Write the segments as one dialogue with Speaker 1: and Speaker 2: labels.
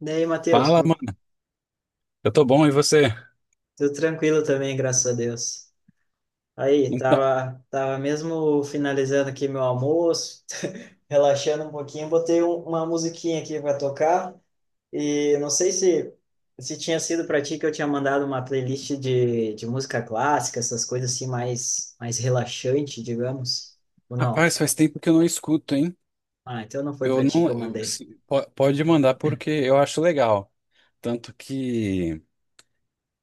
Speaker 1: Daí Matheus,
Speaker 2: Fala,
Speaker 1: como-
Speaker 2: mano. Eu tô bom, e você?
Speaker 1: tudo tranquilo também, graças a Deus. Aí,
Speaker 2: Então,
Speaker 1: tava mesmo finalizando aqui meu almoço, relaxando um pouquinho, botei um- uma musiquinha aqui para tocar e não sei se tinha sido para ti que eu tinha mandado uma playlist de música clássica, essas coisas assim mais relaxante, digamos, ou não?
Speaker 2: rapaz, faz tempo que eu não escuto, hein?
Speaker 1: Ah, então não foi
Speaker 2: Eu
Speaker 1: para ti que
Speaker 2: não.
Speaker 1: eu mandei.
Speaker 2: Pode mandar porque eu acho legal. Tanto que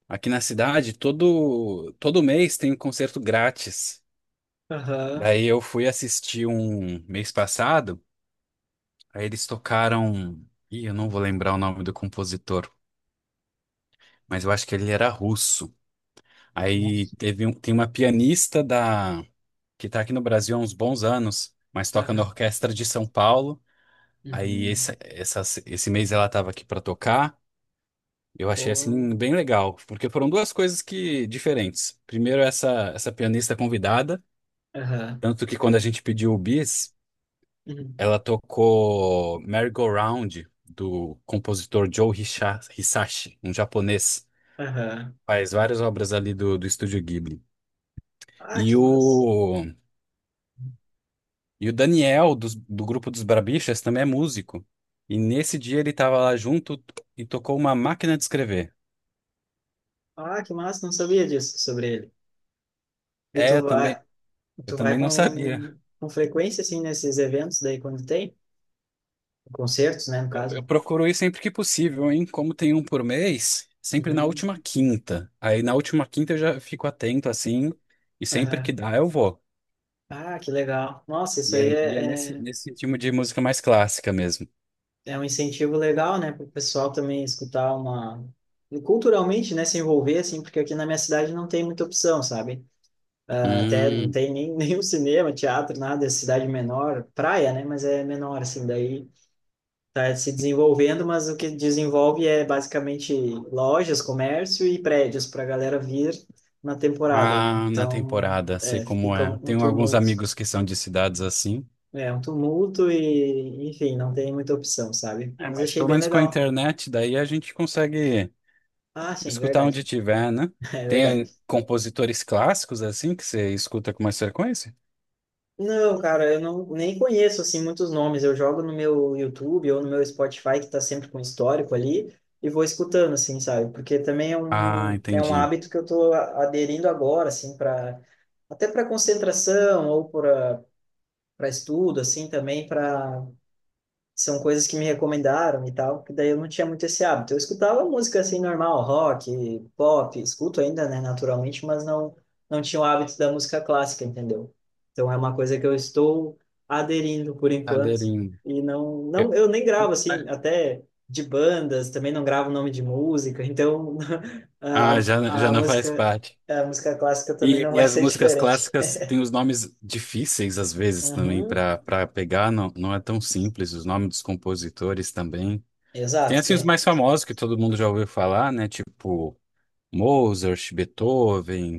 Speaker 2: aqui na cidade, todo mês tem um concerto grátis.
Speaker 1: Aham.
Speaker 2: Daí eu fui assistir um mês passado, aí eles tocaram. Ih, eu não vou lembrar o nome do compositor, mas eu acho que ele era russo.
Speaker 1: Nossa.
Speaker 2: Tem uma pianista da, que tá aqui no Brasil há uns bons anos, mas toca na
Speaker 1: Aham.
Speaker 2: Orquestra de São Paulo. Aí
Speaker 1: Uhum.
Speaker 2: esse, essa- Esse mês ela estava aqui para tocar. Eu achei
Speaker 1: Bom.
Speaker 2: assim bem legal, porque foram duas coisas que diferentes. Primeiro essa pianista convidada,
Speaker 1: Aham.
Speaker 2: tanto que quando a gente pediu o bis,
Speaker 1: Uhum.
Speaker 2: ela tocou Merry-Go-Round do compositor Hisashi, um japonês,
Speaker 1: Aham.
Speaker 2: faz várias obras ali do estúdio Ghibli.
Speaker 1: Ah,
Speaker 2: E
Speaker 1: que massa.
Speaker 2: o e o Daniel do grupo dos Barbixas também é músico. E nesse dia ele estava lá junto e tocou uma máquina de escrever.
Speaker 1: Ah, que massa, não sabia disso sobre ele. E
Speaker 2: É, eu também. Eu
Speaker 1: tu vai
Speaker 2: também não sabia.
Speaker 1: com frequência, assim, nesses eventos daí quando tem? Concertos, né, no
Speaker 2: Eu
Speaker 1: caso?
Speaker 2: procuro ir sempre que possível, hein? Como tem um por mês, sempre na
Speaker 1: Uhum.
Speaker 2: última quinta. Aí na última quinta eu já fico atento assim, e sempre que
Speaker 1: Aham.
Speaker 2: dá eu vou.
Speaker 1: Ah, que legal. Nossa, isso
Speaker 2: E é,
Speaker 1: aí
Speaker 2: e é
Speaker 1: é,
Speaker 2: nesse,
Speaker 1: é,
Speaker 2: nesse tipo de música mais clássica mesmo.
Speaker 1: é um incentivo legal, né, para o pessoal também escutar uma... e culturalmente, né, se envolver, assim, porque aqui na minha cidade não tem muita opção, sabe? Ah, até não
Speaker 2: Hum,
Speaker 1: tem nem, nenhum cinema, teatro, nada, é cidade menor, praia, né, mas é menor, assim, daí... está se desenvolvendo, mas o que desenvolve é basicamente lojas, comércio e prédios para a galera vir na temporada, né?
Speaker 2: ah, na
Speaker 1: Então,
Speaker 2: temporada, sei
Speaker 1: é,
Speaker 2: como
Speaker 1: fica
Speaker 2: é.
Speaker 1: um
Speaker 2: Tenho alguns
Speaker 1: tumulto.
Speaker 2: amigos que são de cidades assim.
Speaker 1: É, um tumulto e, enfim, não tem muita opção, sabe?
Speaker 2: É,
Speaker 1: Mas
Speaker 2: mas
Speaker 1: achei
Speaker 2: pelo
Speaker 1: bem
Speaker 2: menos com a
Speaker 1: legal.
Speaker 2: internet, daí a gente consegue
Speaker 1: Ah, sim,
Speaker 2: escutar
Speaker 1: verdade.
Speaker 2: onde tiver, né?
Speaker 1: É
Speaker 2: Tem
Speaker 1: verdade.
Speaker 2: compositores clássicos assim que você escuta com mais frequência?
Speaker 1: Não, cara, eu não, nem conheço assim muitos nomes. Eu jogo no meu YouTube ou no meu Spotify que tá sempre com histórico ali e vou escutando assim, sabe? Porque também é
Speaker 2: Ah,
Speaker 1: um é um
Speaker 2: entendi.
Speaker 1: hábito que eu tô aderindo agora assim para até para concentração ou para para estudo assim também para são coisas que me recomendaram e tal, que daí eu não tinha muito esse hábito. Eu escutava música assim normal, rock, pop, escuto ainda, né, naturalmente, mas não tinha o hábito da música clássica, entendeu? Então é uma coisa que eu estou aderindo por enquanto
Speaker 2: Cadeirinho.
Speaker 1: e não
Speaker 2: Eu-
Speaker 1: não eu nem gravo assim, até de bandas, também não gravo nome de música, então
Speaker 2: Ah, já,
Speaker 1: a,
Speaker 2: já
Speaker 1: a
Speaker 2: não faz
Speaker 1: música
Speaker 2: parte.
Speaker 1: a música clássica também não
Speaker 2: E
Speaker 1: vai
Speaker 2: as
Speaker 1: ser
Speaker 2: músicas
Speaker 1: diferente.
Speaker 2: clássicas têm os nomes difíceis, às vezes, também,
Speaker 1: Uhum,
Speaker 2: para pegar. Não, não é tão simples. Os nomes dos compositores também. Tem,
Speaker 1: exato,
Speaker 2: assim, os
Speaker 1: tem,
Speaker 2: mais famosos que todo mundo já ouviu falar, né? Tipo Mozart, Beethoven,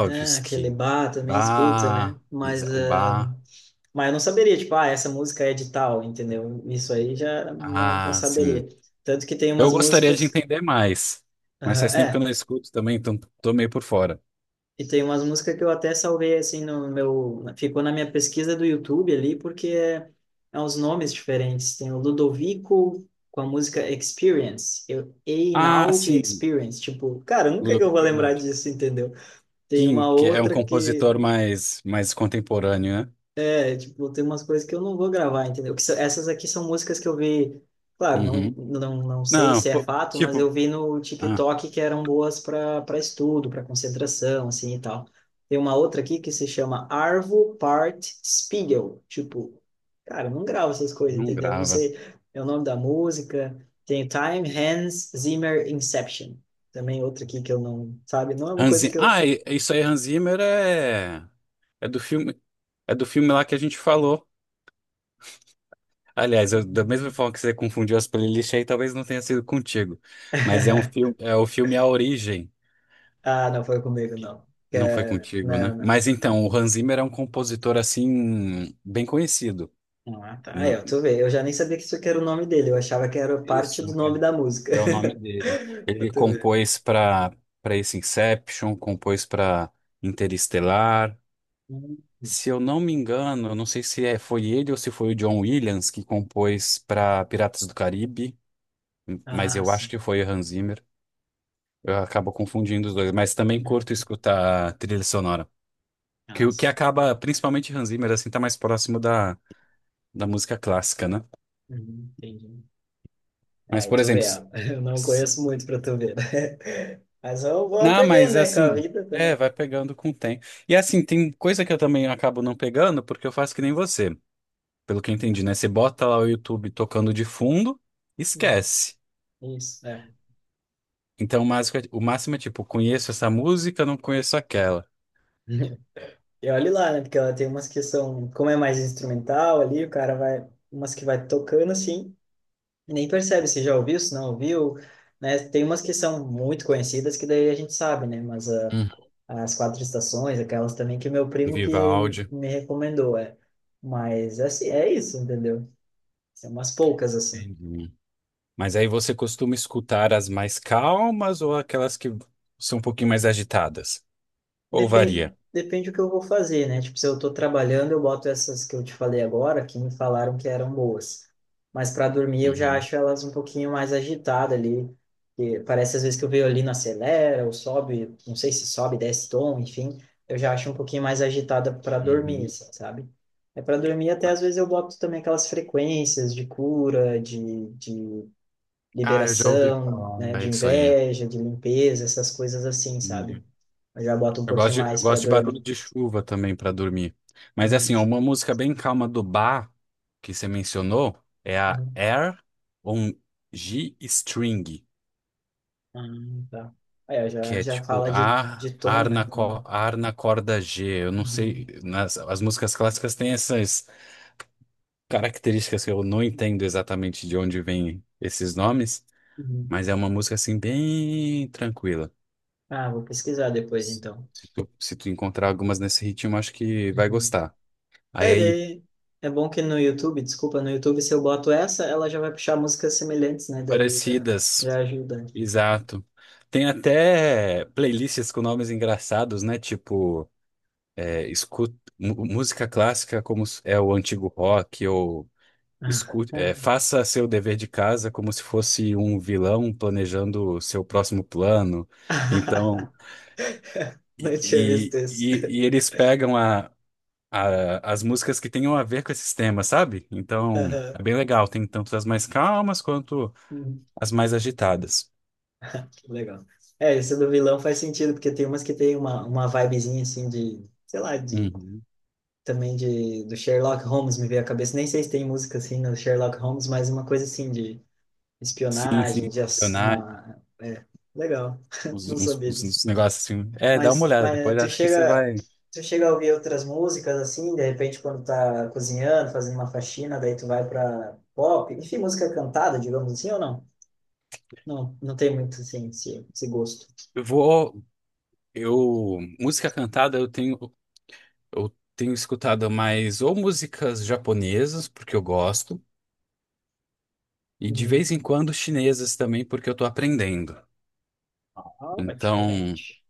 Speaker 1: é, aquele bar também escuta, né?
Speaker 2: Bach,
Speaker 1: Mas,
Speaker 2: O
Speaker 1: ah,
Speaker 2: Bach.
Speaker 1: mas eu não saberia, tipo, ah, essa música é de tal, entendeu? Isso aí já não, não
Speaker 2: Ah, sim.
Speaker 1: saberia. Tanto que tem
Speaker 2: Eu
Speaker 1: umas
Speaker 2: gostaria de
Speaker 1: músicas.
Speaker 2: entender mais, mas
Speaker 1: Ah,
Speaker 2: faz tempo que eu
Speaker 1: é,
Speaker 2: não escuto também, então tô meio por fora.
Speaker 1: e tem umas músicas que eu até salvei, assim, no meu. Ficou na minha pesquisa do YouTube ali, porque é, é uns nomes diferentes. Tem o Ludovico com a música Experience, eu,
Speaker 2: Ah,
Speaker 1: Einaudi
Speaker 2: sim,
Speaker 1: Experience. Tipo, cara, nunca que eu
Speaker 2: Ludovico
Speaker 1: vou lembrar
Speaker 2: Bernardi.
Speaker 1: disso, entendeu? Tem uma
Speaker 2: Que é um
Speaker 1: outra que
Speaker 2: compositor mais, mais contemporâneo, né?
Speaker 1: é, tipo, tem umas coisas que eu não vou gravar, entendeu? Que são- essas aqui são músicas que eu vi, claro, não,
Speaker 2: Uhum.
Speaker 1: não, não sei
Speaker 2: Não,
Speaker 1: se é
Speaker 2: pô,
Speaker 1: fato, mas
Speaker 2: tipo,
Speaker 1: eu vi no
Speaker 2: ah,
Speaker 1: TikTok que eram boas para para estudo, para concentração, assim e tal. Tem uma outra aqui que se chama Arvo Part Spiegel. Tipo, cara, eu não gravo essas coisas,
Speaker 2: não
Speaker 1: entendeu? Eu não
Speaker 2: grava.
Speaker 1: sei é o nome da música. Tem Time, Hans Zimmer, Inception. Também outra aqui que eu não, sabe? Não é uma
Speaker 2: Hans
Speaker 1: coisa
Speaker 2: Zimmer,
Speaker 1: que eu.
Speaker 2: ah, isso aí, Hans Zimmer é, é do filme, é do filme lá que a gente falou. Aliás, eu, da mesma forma que você confundiu as playlists aí, talvez não tenha sido contigo. Mas é um filme, é o filme A Origem.
Speaker 1: Ah, não foi comigo,
Speaker 2: Que
Speaker 1: não.
Speaker 2: Não foi
Speaker 1: É-
Speaker 2: contigo, né?
Speaker 1: Não, não.
Speaker 2: Mas então, o Hans Zimmer é um compositor assim bem conhecido.
Speaker 1: Não, ah, tá. Aí,
Speaker 2: Não,
Speaker 1: ó, tu vê, eu já nem sabia que isso aqui era o nome dele, eu achava que era parte
Speaker 2: isso.
Speaker 1: do nome da música.
Speaker 2: É o nome dele.
Speaker 1: Pra
Speaker 2: Ele
Speaker 1: tu ver.
Speaker 2: compôs para Para esse Inception, compôs para Interestelar.
Speaker 1: Hum.
Speaker 2: Se eu não me engano, eu não sei se é, foi ele ou se foi o John Williams que compôs para Piratas do Caribe, mas
Speaker 1: Ah,
Speaker 2: eu acho
Speaker 1: sim.
Speaker 2: que foi o Hans Zimmer. Eu acabo confundindo os dois, mas também curto
Speaker 1: Uhum.
Speaker 2: escutar trilha sonora. Que
Speaker 1: Ah,
Speaker 2: o que
Speaker 1: sim.
Speaker 2: acaba, principalmente Hans Zimmer, assim, tá mais próximo da, da música clássica, né?
Speaker 1: Uhum, entendi. É,
Speaker 2: Mas,
Speaker 1: aí
Speaker 2: por
Speaker 1: tu
Speaker 2: exemplo,
Speaker 1: vê, ó. Eu não conheço muito pra tu ver. Mas eu vou
Speaker 2: Não,
Speaker 1: aprender,
Speaker 2: Mas
Speaker 1: né, com a
Speaker 2: assim,
Speaker 1: vida
Speaker 2: é,
Speaker 1: também.
Speaker 2: vai pegando com o tempo. E assim, tem coisa que eu também acabo não pegando, porque eu faço que nem você, pelo que eu entendi, né? Você bota lá o YouTube tocando de fundo,
Speaker 1: Uhum.
Speaker 2: esquece.
Speaker 1: Isso, é.
Speaker 2: Então, o máximo é tipo, conheço essa música, não conheço aquela,
Speaker 1: E olhe lá, né, porque ela tem umas que são, como é mais instrumental ali, o cara vai, umas que vai tocando assim. Nem percebe se já ouviu, se não ouviu, né? Tem umas que são muito conhecidas que daí a gente sabe, né? Mas ah,
Speaker 2: Hum.
Speaker 1: as quatro estações, aquelas também que o meu
Speaker 2: Do
Speaker 1: primo que
Speaker 2: Vivaldi.
Speaker 1: me recomendou, é. Mas assim, é isso, entendeu? São umas poucas assim.
Speaker 2: Entendi. Mas aí você costuma escutar as mais calmas ou aquelas que são um pouquinho mais agitadas? Ou
Speaker 1: Depende,
Speaker 2: varia?
Speaker 1: depende do que eu vou fazer, né? Tipo, se eu tô trabalhando, eu boto essas que eu te falei agora, que me falaram que eram boas. Mas para dormir, eu já
Speaker 2: Uhum,
Speaker 1: acho elas um pouquinho mais agitadas ali. Que parece às vezes que o violino acelera ou sobe, não sei se sobe, desce tom, enfim. Eu já acho um pouquinho mais agitada para dormir,
Speaker 2: uhum.
Speaker 1: assim, sabe? É para dormir, até às vezes eu boto também aquelas frequências de cura, de
Speaker 2: Ah, eu já ouvi
Speaker 1: liberação, né?
Speaker 2: falar É
Speaker 1: De
Speaker 2: isso aí.
Speaker 1: inveja, de limpeza, essas coisas assim, sabe?
Speaker 2: Entendi.
Speaker 1: Eu já boto um pouquinho
Speaker 2: Eu
Speaker 1: mais para
Speaker 2: gosto de barulho
Speaker 1: dormir.
Speaker 2: de chuva também pra dormir. Mas
Speaker 1: Uhum.
Speaker 2: assim, ó, uma música bem calma do Bach que você mencionou é a
Speaker 1: Uhum.
Speaker 2: Air on G String,
Speaker 1: Ah, tá. Aí, ó,
Speaker 2: que
Speaker 1: já,
Speaker 2: é
Speaker 1: já
Speaker 2: tipo
Speaker 1: fala
Speaker 2: A,
Speaker 1: de tom, né? Uhum.
Speaker 2: ar na corda G. Eu não sei, nas, as músicas clássicas têm essas características que eu não entendo exatamente de onde vêm esses nomes,
Speaker 1: Uhum.
Speaker 2: mas é uma música assim bem tranquila.
Speaker 1: Ah, vou pesquisar depois, então.
Speaker 2: Se tu encontrar algumas nesse ritmo, acho que vai
Speaker 1: Uhum.
Speaker 2: gostar. Aí
Speaker 1: Aí,
Speaker 2: é
Speaker 1: daí, é bom que no YouTube, desculpa, no YouTube, se eu boto essa, ela já vai puxar músicas semelhantes, né? Daí já,
Speaker 2: Parecidas,
Speaker 1: já ajuda.
Speaker 2: exato. Tem até playlists com nomes engraçados, né? Tipo, é, escu- música clássica como é o antigo rock, ou
Speaker 1: Ah.
Speaker 2: escute, é, faça seu dever de casa como se fosse um vilão planejando o seu próximo plano. Então,
Speaker 1: Não tinha visto isso.
Speaker 2: e eles pegam as músicas que tenham a ver com esses temas, sabe? Então, é
Speaker 1: Aham.
Speaker 2: bem legal. Tem tanto as mais calmas quanto
Speaker 1: Uhum.
Speaker 2: as mais agitadas.
Speaker 1: Que legal. É, isso do vilão faz sentido, porque tem umas que tem uma vibezinha, assim, de, sei lá, de
Speaker 2: Uhum.
Speaker 1: também de, do Sherlock Holmes me veio à cabeça. Nem sei se tem música assim no Sherlock Holmes, mas uma coisa assim de
Speaker 2: Sim,
Speaker 1: espionagem,
Speaker 2: sim,
Speaker 1: de ass-
Speaker 2: Leonardo,
Speaker 1: uma... É, legal, não sabia disso.
Speaker 2: uns negócios assim. É, dá uma olhada,
Speaker 1: Mas
Speaker 2: depois acho que você vai.
Speaker 1: tu chega a ouvir outras músicas assim, de repente quando tá cozinhando, fazendo uma faxina, daí tu vai pra pop, enfim, música cantada, digamos assim, ou não? Não, não tem muito assim esse gosto.
Speaker 2: Eu vou. Eu. Música cantada eu tenho. Eu tenho escutado mais ou músicas japonesas, porque eu gosto, e de
Speaker 1: Uhum.
Speaker 2: vez em quando chinesas também, porque eu tô aprendendo.
Speaker 1: Ah, é
Speaker 2: Então,
Speaker 1: diferente.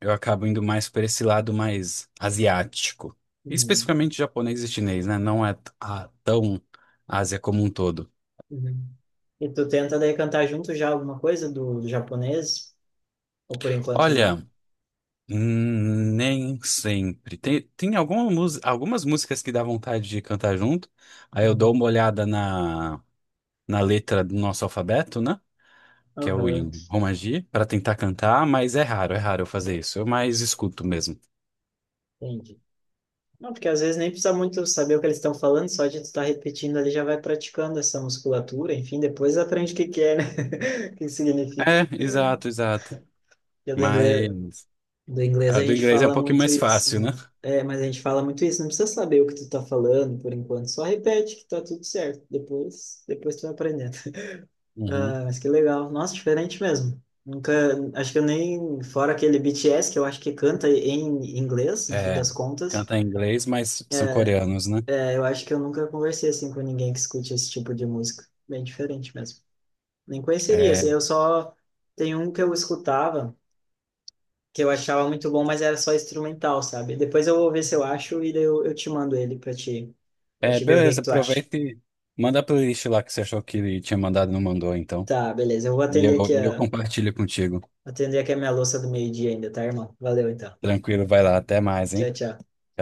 Speaker 2: eu acabo indo mais para esse lado mais asiático.
Speaker 1: Uhum.
Speaker 2: Especificamente japonês e chinês, né? Não é tão Ásia como um todo.
Speaker 1: Uhum. E tu tenta daí cantar junto já alguma coisa do, do japonês? Ou por enquanto não?
Speaker 2: Olha. Nem sempre. Algumas músicas que dá vontade de cantar junto. Aí eu dou
Speaker 1: Uhum.
Speaker 2: uma olhada na, na letra do nosso alfabeto, né? Que é o
Speaker 1: Aham,
Speaker 2: em Romaji, para tentar cantar, mas é raro eu fazer isso. Eu mais escuto mesmo.
Speaker 1: entendi. Não, porque às vezes nem precisa muito saber o que eles estão falando, só de tu estar repetindo ali já vai praticando essa musculatura, enfim, depois aprende o que que é, né? O que significa.
Speaker 2: Exato.
Speaker 1: Porque
Speaker 2: Mas
Speaker 1: do inglês
Speaker 2: a
Speaker 1: a
Speaker 2: do
Speaker 1: gente
Speaker 2: inglês é um
Speaker 1: fala
Speaker 2: pouquinho
Speaker 1: muito
Speaker 2: mais
Speaker 1: isso,
Speaker 2: fácil, né?
Speaker 1: né? É, mas a gente fala muito isso, não precisa saber o que tu tá falando por enquanto, só repete que tá tudo certo, depois, depois tu vai aprendendo.
Speaker 2: Uhum.
Speaker 1: Ah, mas que legal. Nossa, diferente mesmo. Nunca, acho que eu nem, fora aquele BTS, que eu acho que canta em inglês, no fim
Speaker 2: É,
Speaker 1: das contas,
Speaker 2: canta em inglês, mas são coreanos, né?
Speaker 1: é, eu acho que eu nunca conversei assim com ninguém que escute esse tipo de música. Bem diferente mesmo. Nem conheceria,
Speaker 2: É,
Speaker 1: assim, eu só tem um que eu escutava, que eu achava muito bom, mas era só instrumental, sabe? Depois eu vou ver se eu acho e daí eu te mando ele para
Speaker 2: é,
Speaker 1: te ver o que
Speaker 2: beleza,
Speaker 1: que tu acha.
Speaker 2: aproveita e manda a playlist lá que você achou que tinha mandado e não mandou, então.
Speaker 1: Tá, beleza. Eu vou
Speaker 2: E eu compartilho contigo.
Speaker 1: atender aqui a minha louça do meio-dia ainda, tá, irmão? Valeu então.
Speaker 2: Tranquilo, vai lá. Até mais,
Speaker 1: Tchau,
Speaker 2: hein?
Speaker 1: tchau.